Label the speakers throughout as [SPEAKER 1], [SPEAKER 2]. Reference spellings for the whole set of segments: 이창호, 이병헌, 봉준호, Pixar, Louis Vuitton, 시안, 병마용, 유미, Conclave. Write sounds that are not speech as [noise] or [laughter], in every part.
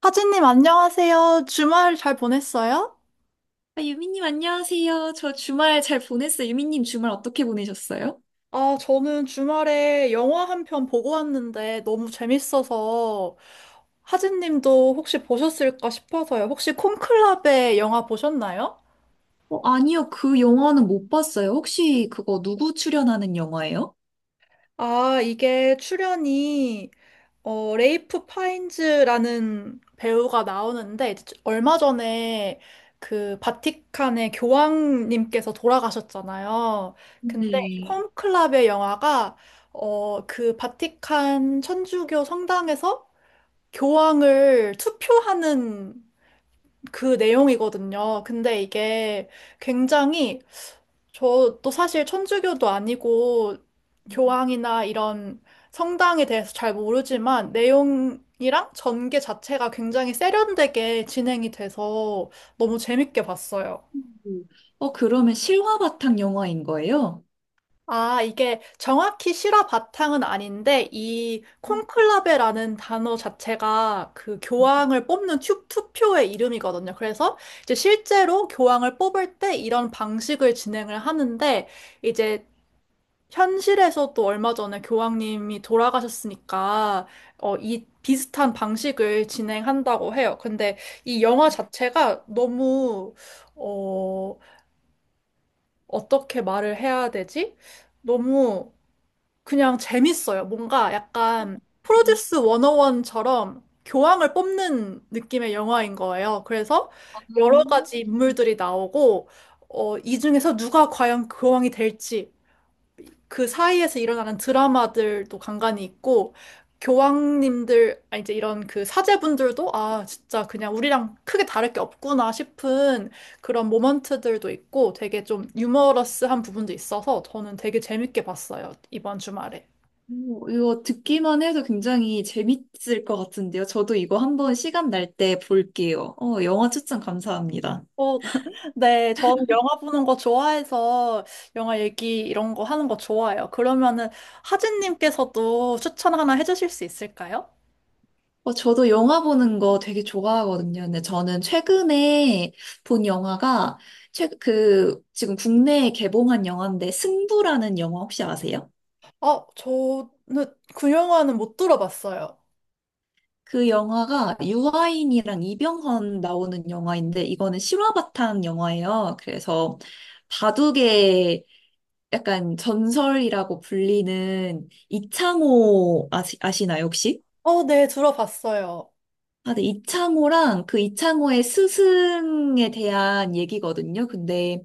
[SPEAKER 1] 하진님, 안녕하세요. 주말 잘 보냈어요?
[SPEAKER 2] 아, 유미님, 안녕하세요. 저 주말 잘 보냈어요. 유미님, 주말 어떻게 보내셨어요?
[SPEAKER 1] 아, 저는 주말에 영화 한 편 보고 왔는데 너무 재밌어서 하진님도 혹시 보셨을까 싶어서요. 혹시 콘클라베 영화 보셨나요?
[SPEAKER 2] 아니요, 그 영화는 못 봤어요. 혹시 그거 누구 출연하는 영화예요?
[SPEAKER 1] 아, 이게 출연이 레이프 파인즈라는 배우가 나오는데, 이제 얼마 전에 그 바티칸의 교황님께서 돌아가셨잖아요. 근데 이
[SPEAKER 2] 네.
[SPEAKER 1] 콘클라베 영화가, 그 바티칸 천주교 성당에서 교황을 투표하는 그 내용이거든요. 근데 이게 굉장히, 저도 사실 천주교도 아니고 교황이나 이런 성당에 대해서 잘 모르지만 내용이랑 전개 자체가 굉장히 세련되게 진행이 돼서 너무 재밌게 봤어요.
[SPEAKER 2] 음. 그러면 실화 바탕 영화인 거예요?
[SPEAKER 1] 아, 이게 정확히 실화 바탕은 아닌데 이
[SPEAKER 2] 음.
[SPEAKER 1] 콘클라베라는 단어 자체가 그 교황을 뽑는 투표의 이름이거든요. 그래서 이제 실제로 교황을 뽑을 때 이런 방식을 진행을 하는데 이제 현실에서도 얼마 전에 교황님이 돌아가셨으니까, 이 비슷한 방식을 진행한다고 해요. 근데 이 영화 자체가 너무, 어, 어떻게 말을 해야 되지? 너무 그냥 재밌어요. 뭔가 약간 프로듀스 101처럼 교황을 뽑는 느낌의 영화인 거예요. 그래서
[SPEAKER 2] 아,
[SPEAKER 1] 여러 가지 인물들이 나오고, 이 중에서 누가 과연 교황이 될지, 그 사이에서 일어나는 드라마들도 간간이 있고, 교황님들, 아, 이제 이런 그 사제분들도, 아, 진짜 그냥 우리랑 크게 다를 게 없구나 싶은 그런 모먼트들도 있고, 되게 좀 유머러스한 부분도 있어서 저는 되게 재밌게 봤어요, 이번 주말에.
[SPEAKER 2] 오, 이거 듣기만 해도 굉장히 재밌을 것 같은데요. 저도 이거 한번 시간 날 때 볼게요. 영화 추천 감사합니다.
[SPEAKER 1] 어, [laughs] 네, 저는 영화 보는 거 좋아해서 영화 얘기 이런 거 하는 거 좋아해요. 그러면은 하진님께서도 추천 하나 해주실 수 있을까요?
[SPEAKER 2] 저도 영화 보는 거 되게 좋아하거든요. 근데 저는 최근에 본 영화가, 지금 국내에 개봉한 영화인데, 승부라는 영화 혹시 아세요?
[SPEAKER 1] 어, 저는 그 영화는 못 들어봤어요.
[SPEAKER 2] 그 영화가 유아인이랑 이병헌 나오는 영화인데, 이거는 실화 바탕 영화예요. 그래서 바둑의 약간 전설이라고 불리는 이창호 아시나요, 혹시?
[SPEAKER 1] 어, 네, 들어봤어요.
[SPEAKER 2] 아, 네, 이창호랑 그 이창호의 스승에 대한 얘기거든요. 근데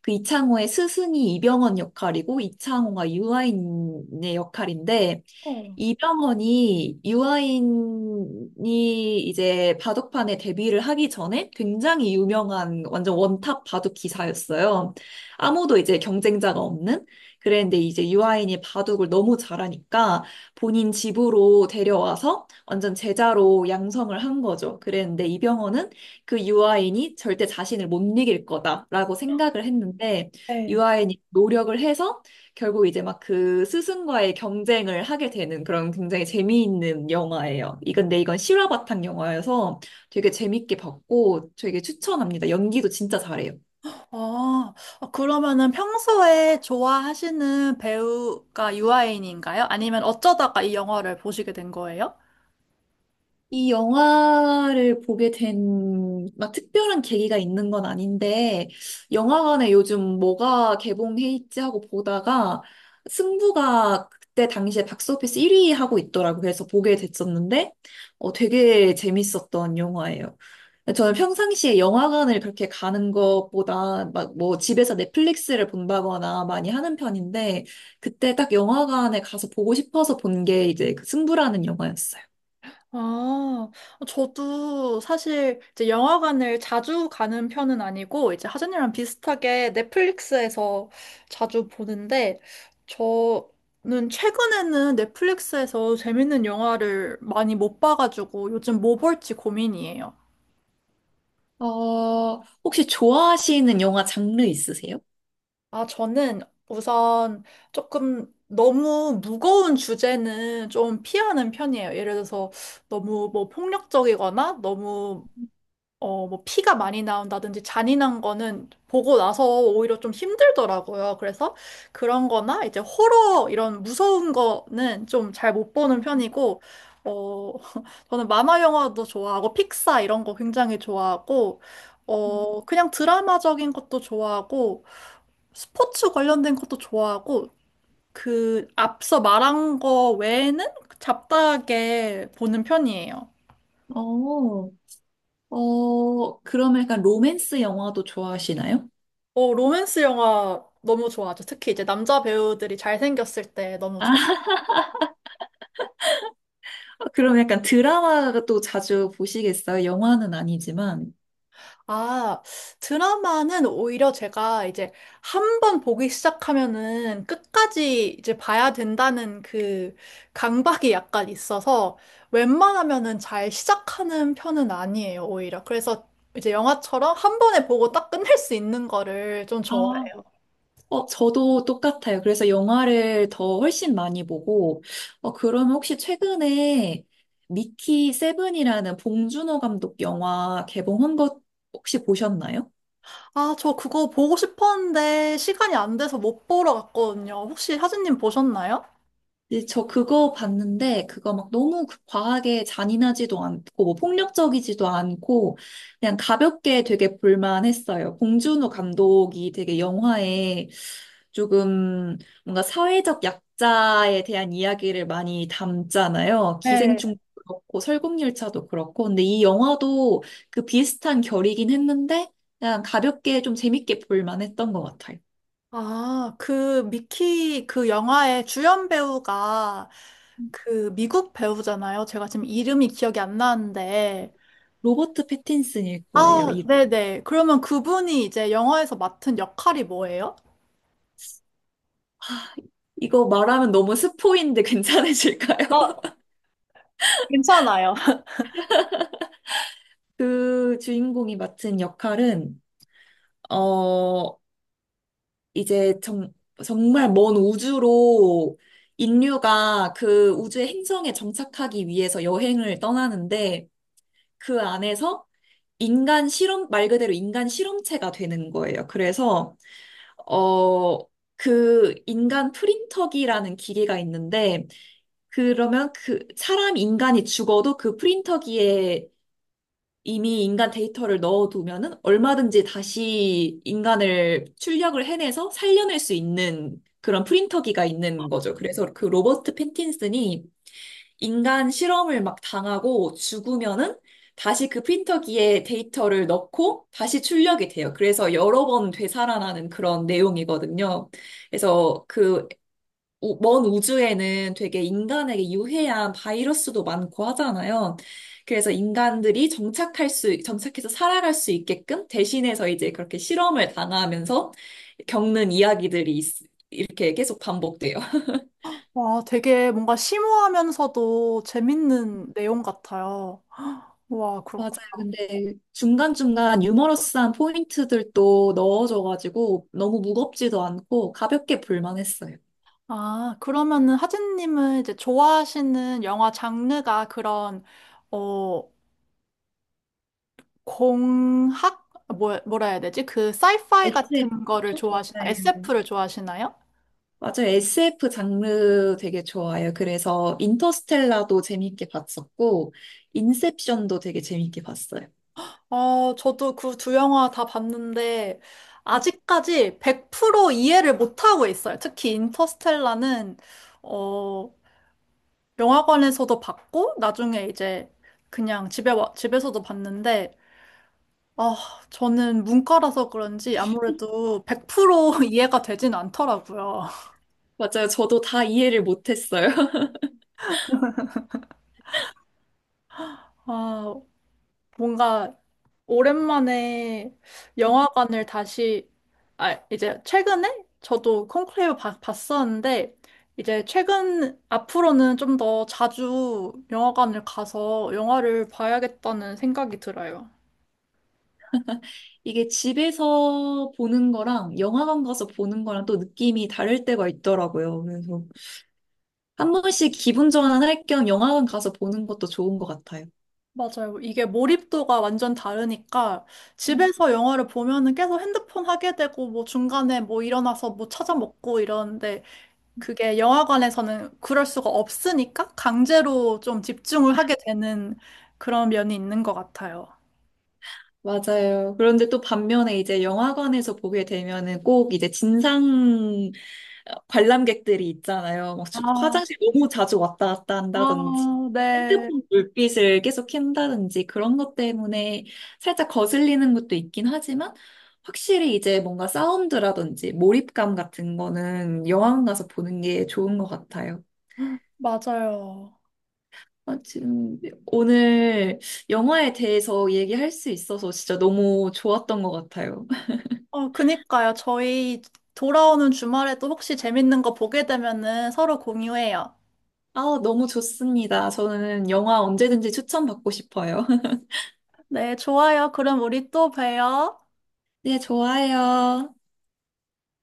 [SPEAKER 2] 그 이창호의 스승이 이병헌 역할이고 이창호가 유아인의 역할인데
[SPEAKER 1] 어.
[SPEAKER 2] 이 병원이 유아인이 이제 바둑판에 데뷔를 하기 전에 굉장히 유명한 완전 원탑 바둑 기사였어요. 아무도 이제 경쟁자가 없는. 그랬는데 이제 유아인이 바둑을 너무 잘하니까 본인 집으로 데려와서 완전 제자로 양성을 한 거죠. 그랬는데 이병헌은 그 유아인이 절대 자신을 못 이길 거다라고 생각을 했는데
[SPEAKER 1] 네.
[SPEAKER 2] 유아인이 노력을 해서 결국 이제 막 그 스승과의 경쟁을 하게 되는 그런 굉장히 재미있는 영화예요. 이건 실화 바탕 영화여서 되게 재밌게 봤고 되게 추천합니다. 연기도 진짜 잘해요.
[SPEAKER 1] 아, 어, 그러면은 평소에 좋아하시는 배우가 유아인인가요? 아니면 어쩌다가 이 영화를 보시게 된 거예요?
[SPEAKER 2] 이 영화를 보게 된, 막 특별한 계기가 있는 건 아닌데, 영화관에 요즘 뭐가 개봉해 있지 하고 보다가, 승부가 그때 당시에 박스오피스 1위 하고 있더라고. 그래서 보게 됐었는데, 되게 재밌었던 영화예요. 저는 평상시에 영화관을 그렇게 가는 것보다 막 뭐 집에서 넷플릭스를 본다거나 많이 하는 편인데, 그때 딱 영화관에 가서 보고 싶어서 본 게 이제 그 승부라는 영화였어요.
[SPEAKER 1] 아, 저도 사실 이제 영화관을 자주 가는 편은 아니고, 이제 하진이랑 비슷하게 넷플릭스에서 자주 보는데, 저는 최근에는 넷플릭스에서 재밌는 영화를 많이 못 봐가지고 요즘 뭐 볼지 고민이에요.
[SPEAKER 2] 혹시 좋아하시는 영화 장르 있으세요?
[SPEAKER 1] 아, 저는 우선 조금 너무 무거운 주제는 좀 피하는 편이에요. 예를 들어서 너무 뭐 폭력적이거나 너무 뭐 피가 많이 나온다든지 잔인한 거는 보고 나서 오히려 좀 힘들더라고요. 그래서 그런 거나 이제 호러 이런 무서운 거는 좀 잘 못 보는 편이고, 어, [laughs] 저는 만화 영화도 좋아하고 픽사 이런 거 굉장히 좋아하고, 그냥 드라마적인 것도 좋아하고, 스포츠 관련된 것도 좋아하고, 그, 앞서 말한 거 외에는 잡다하게 보는 편이에요.
[SPEAKER 2] 어, 그럼 약간 로맨스 영화도 좋아하시나요?
[SPEAKER 1] 어, 로맨스 영화 너무 좋아하죠. 특히 이제 남자 배우들이 잘생겼을 때 너무 좋아.
[SPEAKER 2] 아, 그럼 약간 드라마도 자주 보시겠어요? 영화는 아니지만.
[SPEAKER 1] 아, 드라마는 오히려 제가 이제 한 번 보기 시작하면은 끝까지 이제 봐야 된다는 그 강박이 약간 있어서 웬만하면은 잘 시작하는 편은 아니에요, 오히려. 그래서 이제 영화처럼 한 번에 보고 딱 끝낼 수 있는 거를 좀 좋아해요.
[SPEAKER 2] 아, 저도 똑같아요. 그래서 영화를 더 훨씬 많이 보고, 그러면 혹시 최근에 미키 세븐이라는 봉준호 감독 영화 개봉한 것 혹시 보셨나요?
[SPEAKER 1] 아, 저 그거 보고 싶었는데 시간이 안 돼서 못 보러 갔거든요. 혹시 하진님 보셨나요?
[SPEAKER 2] 네, 저 그거 봤는데, 그거 막 너무 과하게 잔인하지도 않고, 뭐 폭력적이지도 않고, 그냥 가볍게 되게 볼만했어요. 봉준호 감독이 되게 영화에 조금 뭔가 사회적 약자에 대한 이야기를 많이 담잖아요.
[SPEAKER 1] 네.
[SPEAKER 2] 기생충도 그렇고, 설국열차도 그렇고. 근데 이 영화도 그 비슷한 결이긴 했는데, 그냥 가볍게 좀 재밌게 볼만했던 것 같아요.
[SPEAKER 1] 아, 그 미키 그 영화의 주연 배우가 그 미국 배우잖아요. 제가 지금 이름이 기억이 안 나는데.
[SPEAKER 2] 로버트 패틴슨일 거예요.
[SPEAKER 1] 아, 네네. 그러면 그분이 이제 영화에서 맡은 역할이 뭐예요?
[SPEAKER 2] 이거 말하면 너무 스포인데 [laughs] 괜찮으실까요?
[SPEAKER 1] 어,
[SPEAKER 2] [laughs]
[SPEAKER 1] 괜찮아요. [laughs]
[SPEAKER 2] 그 주인공이 맡은 역할은, 어, 이제 정말 먼 우주로 인류가 그 우주의 행성에 정착하기 위해서 여행을 떠나는데 그 안에서 인간 실험, 말 그대로 인간 실험체가 되는 거예요. 그래서, 어, 그 인간 프린터기라는 기계가 있는데 그러면 그 사람 인간이 죽어도 그 프린터기에 이미 인간 데이터를 넣어두면은 얼마든지 다시 인간을 출력을 해내서 살려낼 수 있는 그런 프린터기가 있는 거죠. 그래서 그 로버트 패틴슨이 인간 실험을 막 당하고 죽으면은 다시 그 프린터기에 데이터를 넣고 다시 출력이 돼요. 그래서 여러 번 되살아나는 그런 내용이거든요. 그래서 그 먼 우주에는 되게 인간에게 유해한 바이러스도 많고 하잖아요. 그래서 인간들이 정착할 수, 정착해서 살아갈 수 있게끔 대신해서 이제 그렇게 실험을 당하면서 겪는 이야기들이 이렇게 계속 반복돼요. [laughs]
[SPEAKER 1] 와, 되게 뭔가 심오하면서도 재밌는 내용 같아요. [gasps] 와,
[SPEAKER 2] 맞아요.
[SPEAKER 1] 그렇군.
[SPEAKER 2] 근데 중간중간 유머러스한 포인트들도 넣어줘가지고 너무 무겁지도 않고 가볍게 볼만했어요.
[SPEAKER 1] 아, 그러면은 하진님은 이제 좋아하시는 영화 장르가 그런, 어, 공학? 뭐, 뭐라 해야 되지? 그 사이파이
[SPEAKER 2] SF,
[SPEAKER 1] 같은 거를 좋아하시나?
[SPEAKER 2] 맞아요.
[SPEAKER 1] SF를 좋아하시나요?
[SPEAKER 2] 맞아요. SF 장르 되게 좋아요. 그래서 인터스텔라도 재밌게 봤었고, 인셉션도 되게 재밌게 봤어요.
[SPEAKER 1] 어, 저도 그 두 영화 다 봤는데 아직까지 100% 이해를 못하고 있어요. 특히 인터스텔라는 어, 영화관에서도 봤고 나중에 이제 그냥 집에서도 봤는데 아, 저는 문과라서 그런지 아무래도 100% [laughs] 이해가 되진 않더라고요.
[SPEAKER 2] 맞아요. 저도 다 이해를 못했어요. [laughs]
[SPEAKER 1] 아, 뭔가 오랜만에 영화관을 다시, 아, 이제 최근에 저도 봤었는데, 이제 최근, 앞으로는 좀 더 자주 영화관을 가서 영화를 봐야겠다는 생각이 들어요.
[SPEAKER 2] 이게 집에서 보는 거랑 영화관 가서 보는 거랑 또 느낌이 다를 때가 있더라고요. 그래서 한 번씩 기분 전환할 겸 영화관 가서 보는 것도 좋은 것 같아요.
[SPEAKER 1] 맞아요. 이게 몰입도가 완전 다르니까 집에서 영화를 보면은 계속 핸드폰 하게 되고 뭐 중간에 뭐 일어나서 뭐 찾아 먹고 이러는데 그게 영화관에서는 그럴 수가 없으니까 강제로 좀 집중을 하게 되는 그런 면이 있는 것 같아요.
[SPEAKER 2] 맞아요. 그런데 또 반면에 이제 영화관에서 보게 되면은 꼭 이제 진상 관람객들이 있잖아요. 막 지금
[SPEAKER 1] 아,
[SPEAKER 2] 화장실 너무 자주 왔다 갔다 한다든지,
[SPEAKER 1] 아, 네,
[SPEAKER 2] 핸드폰 불빛을 계속 켠다든지 그런 것 때문에 살짝 거슬리는 것도 있긴 하지만 확실히 이제 뭔가 사운드라든지 몰입감 같은 거는 영화관 가서 보는 게 좋은 것 같아요.
[SPEAKER 1] 맞아요.
[SPEAKER 2] 아, 지금 오늘 영화에 대해서 얘기할 수 있어서 진짜 너무 좋았던 것 같아요.
[SPEAKER 1] 어, 그니까요. 저희 돌아오는 주말에도 혹시 재밌는 거 보게 되면은 서로 공유해요.
[SPEAKER 2] 아, 너무 좋습니다. 저는 영화 언제든지 추천받고 싶어요. [laughs]
[SPEAKER 1] 네, 좋아요. 그럼 우리 또 봬요.
[SPEAKER 2] 네, 좋아요.